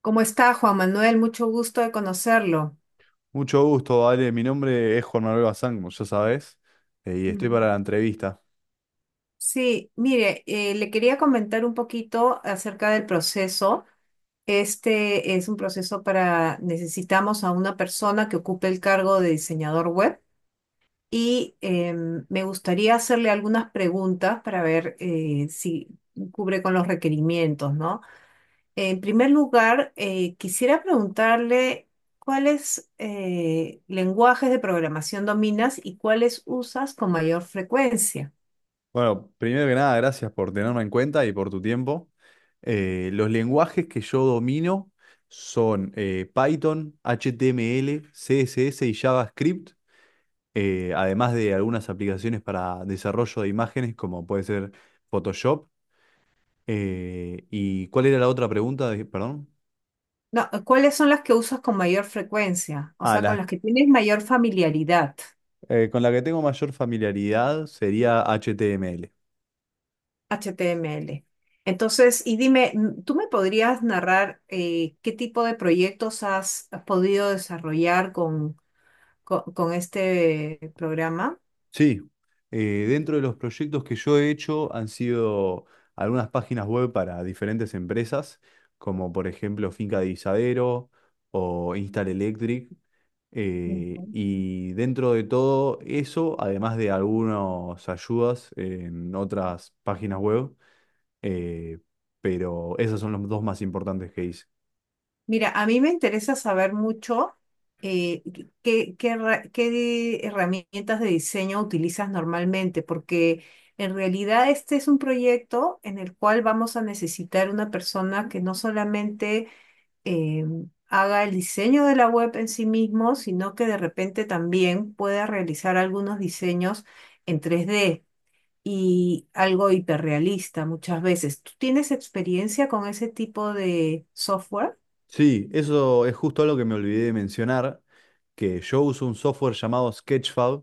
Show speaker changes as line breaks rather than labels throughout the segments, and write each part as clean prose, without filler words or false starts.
¿Cómo está, Juan Manuel? Mucho gusto de conocerlo.
Mucho gusto, Ale. Mi nombre es Juan Manuel Bazán, como ya sabes, y estoy para
Ujú.
la entrevista.
Sí, mire, le quería comentar un poquito acerca del proceso. Este es un proceso para, necesitamos a una persona que ocupe el cargo de diseñador web y me gustaría hacerle algunas preguntas para ver si cubre con los requerimientos, ¿no? En primer lugar, quisiera preguntarle cuáles lenguajes de programación dominas y cuáles usas con mayor frecuencia.
Bueno, primero que nada, gracias por tenerme en cuenta y por tu tiempo. Los lenguajes que yo domino son Python, HTML, CSS y JavaScript, además de algunas aplicaciones para desarrollo de imágenes, como puede ser Photoshop. ¿Y cuál era la otra pregunta? Perdón.
No, ¿cuáles son las que usas con mayor frecuencia? O
Ah,
sea, con
la,
las que tienes mayor familiaridad,
con la que tengo mayor familiaridad sería HTML.
HTML. Entonces, y dime, ¿tú me podrías narrar qué tipo de proyectos has podido desarrollar con este programa?
Sí, dentro de los proyectos que yo he hecho han sido algunas páginas web para diferentes empresas, como por ejemplo Finca de Isadero o Instal Electric.
Ujú.
Y dentro de todo eso, además de algunas ayudas en otras páginas web, eh, pero esas son los dos más importantes que hice.
Mira, a mí me interesa saber mucho eh, qué herramientas de diseño utilizas normalmente, porque en realidad este es un proyecto en el cual vamos a necesitar una persona que no solamente eh, haga el diseño de la web en sí mismo, sino que de repente también pueda realizar algunos diseños en tres d y algo hiperrealista muchas veces. ¿Tú tienes experiencia con ese tipo de software?
Sí, eso es justo algo que me olvidé de mencionar, que yo uso un software llamado Sketchfab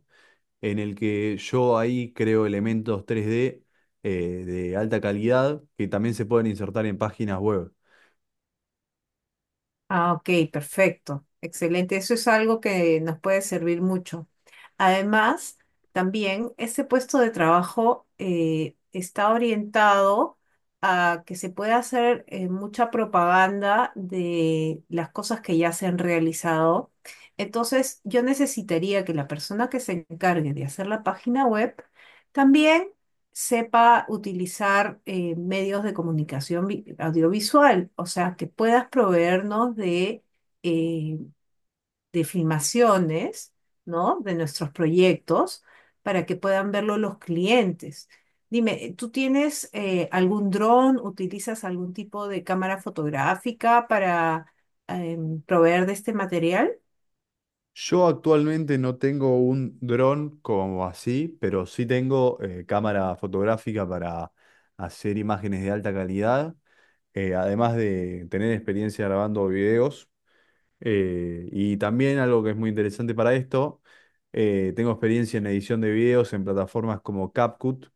en el que yo ahí creo elementos tres d de alta calidad que también se pueden insertar en páginas web.
Ah, ok, perfecto. Excelente. Eso es algo que nos puede servir mucho. Además, también este puesto de trabajo está orientado a que se pueda hacer mucha propaganda de las cosas que ya se han realizado. Entonces, yo necesitaría que la persona que se encargue de hacer la página web también sepa utilizar medios de comunicación audiovisual, o sea, que puedas proveernos eh, de filmaciones, ¿no? De nuestros proyectos para que puedan verlo los clientes. Dime, ¿tú tienes algún dron? ¿Utilizas algún tipo de cámara fotográfica para proveer de este material?
Yo actualmente no tengo un dron como así, pero sí tengo cámara fotográfica para hacer imágenes de alta calidad, además de tener experiencia grabando videos. Y también algo que es muy interesante para esto, tengo experiencia en edición de videos en plataformas como CapCut,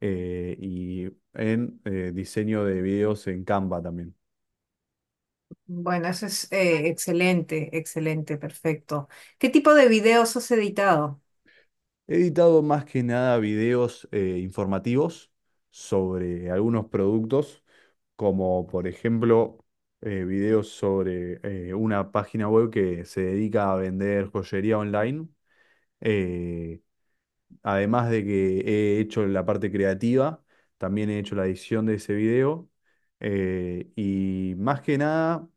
y en diseño de videos en Canva también.
Bueno, eso es excelente, excelente, perfecto. ¿Qué tipo de videos has editado?
He editado más que nada videos informativos sobre algunos productos, como por ejemplo videos sobre una página web que se dedica a vender joyería online. Eh, Además de que he hecho la parte creativa, también he hecho la edición de ese video. Y más que nada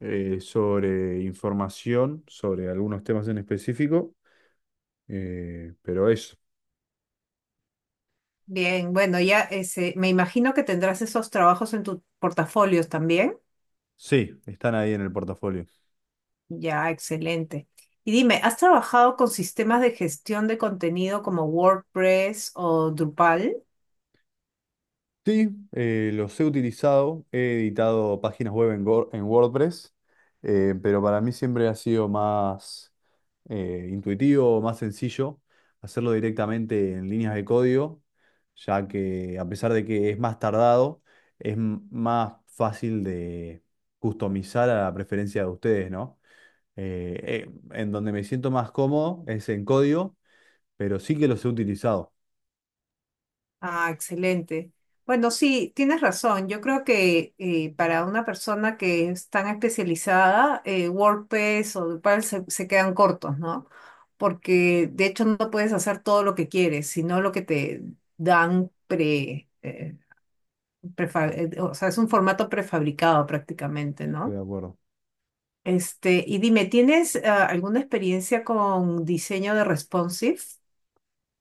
sobre información, sobre algunos temas en específico, pero eso.
Bien, bueno, ya ese, me imagino que tendrás esos trabajos en tus portafolios también.
Sí, están ahí en el portafolio.
Ya, excelente. Y dime, ¿has trabajado con sistemas de gestión de contenido como WordPress o Drupal?
Sí, los he utilizado, he editado páginas web en, en WordPress, pero para mí siempre ha sido más intuitivo, más sencillo hacerlo directamente en líneas de código, ya que a pesar de que es más tardado, es más fácil de customizar a la preferencia de ustedes, ¿no? En donde me siento más cómodo es en código, pero sí que los he utilizado.
Ah, excelente. Bueno, sí, tienes razón. Yo creo que para una persona que es tan especializada, WordPress o Drupal se quedan cortos, ¿no? Porque de hecho no puedes hacer todo lo que quieres, sino lo que te dan pre, eh, o sea, es un formato prefabricado prácticamente,
Estoy
¿no?
de acuerdo.
Este, y dime, ¿tienes alguna experiencia con diseño de responsive?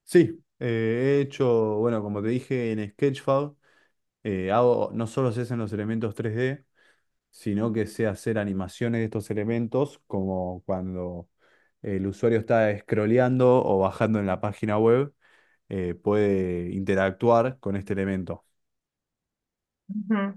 Sí, he hecho, bueno, como te dije en Sketchfab, hago, no solo se hacen los elementos tres d sino que sé hacer animaciones de estos elementos, como cuando el usuario está scrolleando o bajando en la página web, puede interactuar con este elemento.
Ujú.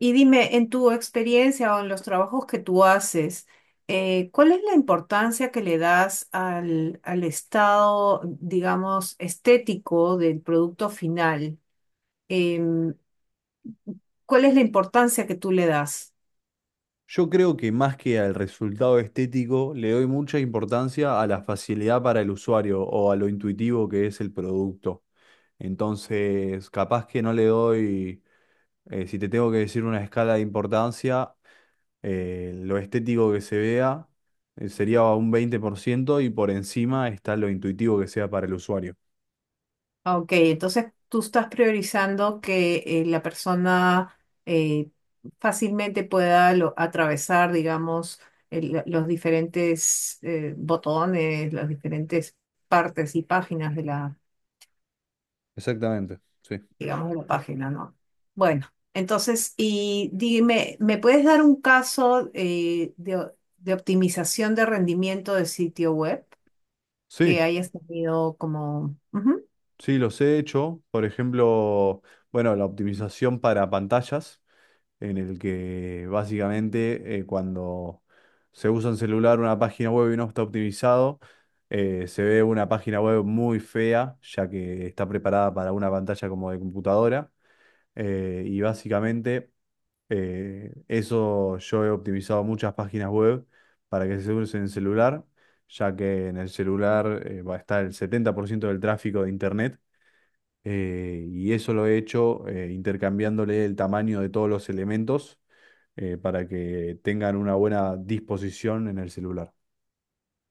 Y dime, en tu experiencia o en los trabajos que tú haces, ¿cuál es la importancia que le das al estado, digamos, estético del producto final? Em, ¿Cuál es la importancia que tú le das?
Yo creo que más que al resultado estético, le doy mucha importancia a la facilidad para el usuario o a lo intuitivo que es el producto. Entonces, capaz que no le doy, si te tengo que decir una escala de importancia, lo estético que se vea, sería un 20% y por encima está lo intuitivo que sea para el usuario.
Ah, ok, entonces tú estás priorizando que la persona eh, fácilmente pueda atravesar, digamos, los diferentes botones, las diferentes partes y páginas de la,
Exactamente, sí.
digamos, de la página, ¿no? Bueno, entonces, y dime, ¿me puedes dar un caso de optimización de rendimiento de sitio web que
Sí,
hayas tenido como...
sí, los he hecho. Por ejemplo, bueno, la optimización para pantallas. En el que básicamente cuando se usa un celular, una página web y no está optimizado, se ve una página web muy fea, ya que está preparada para una pantalla como de computadora. Y básicamente eso yo he optimizado muchas páginas web para que se usen en celular, ya que en el celular va a estar el 70% del tráfico de internet. Y eso lo he hecho intercambiándole el tamaño de todos los elementos para que tengan una buena disposición en el celular.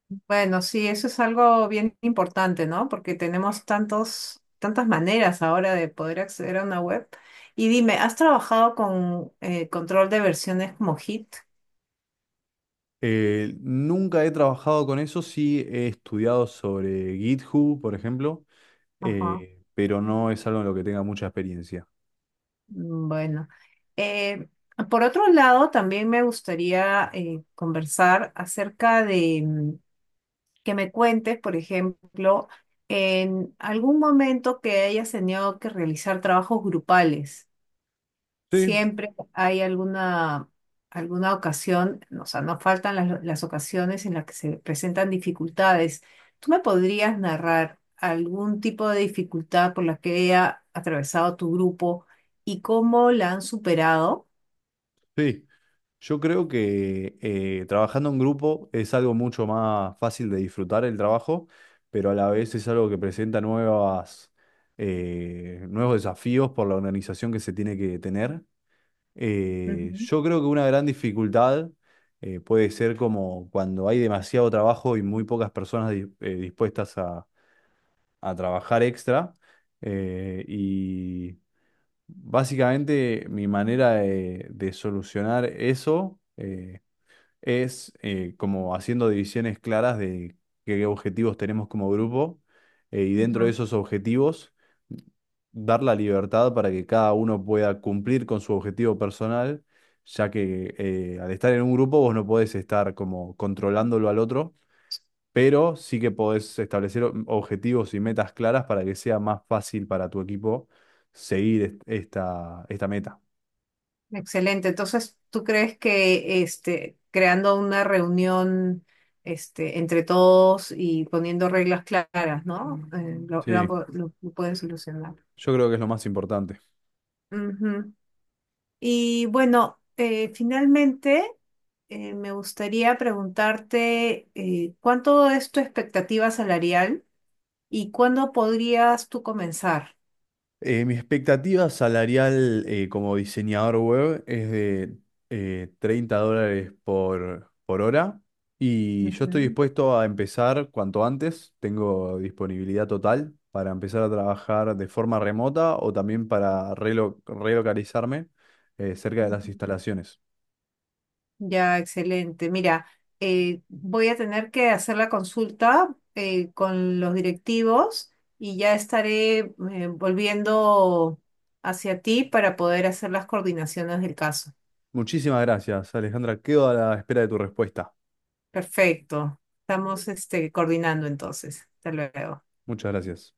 Bueno, sí, eso es algo bien importante, ¿no? Porque tenemos tantas maneras ahora de poder acceder a una web. Y dime, ¿has trabajado con control de versiones como Git?
Nunca he trabajado con eso, sí he estudiado sobre GitHub, por ejemplo,
Ajá.
pero no es algo en lo que tenga mucha experiencia.
Bueno. Eh, por otro lado, también me gustaría conversar acerca de que me cuentes, por ejemplo, en algún momento que hayas tenido que realizar trabajos grupales.
Sí,
Siempre hay alguna ocasión, o sea, no faltan las ocasiones en las que se presentan dificultades. ¿Tú me podrías narrar algún tipo de dificultad por la que haya atravesado tu grupo y cómo la han superado?
sí. Yo creo que trabajando en grupo es algo mucho más fácil de disfrutar el trabajo, pero a la vez es algo que presenta nuevos desafíos por la organización que se tiene que tener.
Ujú,
Yo creo que una gran dificultad puede ser como cuando hay demasiado trabajo y muy pocas personas dispuestas a trabajar extra. Y básicamente mi manera de solucionar eso, es como haciendo divisiones claras de qué objetivos tenemos como grupo y dentro de
ujú.
esos objetivos dar la libertad para que cada uno pueda cumplir con su objetivo personal, ya que al estar en un grupo vos no podés estar como controlándolo al otro, pero sí que podés establecer objetivos y metas claras para que sea más fácil para tu equipo seguir esta meta.
Excelente. Entonces, ¿tú crees que este, creando una reunión este, entre todos y poniendo reglas claras, ¿no? Eh, lo, lo han
Sí,
po- lo- lo pueden solucionar.
yo creo que es lo más importante.
Ujú. Y bueno, finalmente me gustaría preguntarte ¿cuánto es tu expectativa salarial y cuándo podrías tú comenzar?
Mi expectativa salarial como diseñador web es de $30 por hora y yo estoy
Ujú,
dispuesto a empezar cuanto antes. Tengo disponibilidad total para empezar a trabajar de forma remota o también para relocalizarme cerca de las
ujú.
instalaciones.
Ya, excelente. Mira, voy a tener que hacer la consulta con los directivos y ya estaré volviendo hacia ti para poder hacer las coordinaciones del caso.
Muchísimas gracias, Alejandra. Quedo a la espera de tu respuesta.
Perfecto. Estamos este, coordinando entonces. Hasta luego.
Muchas gracias.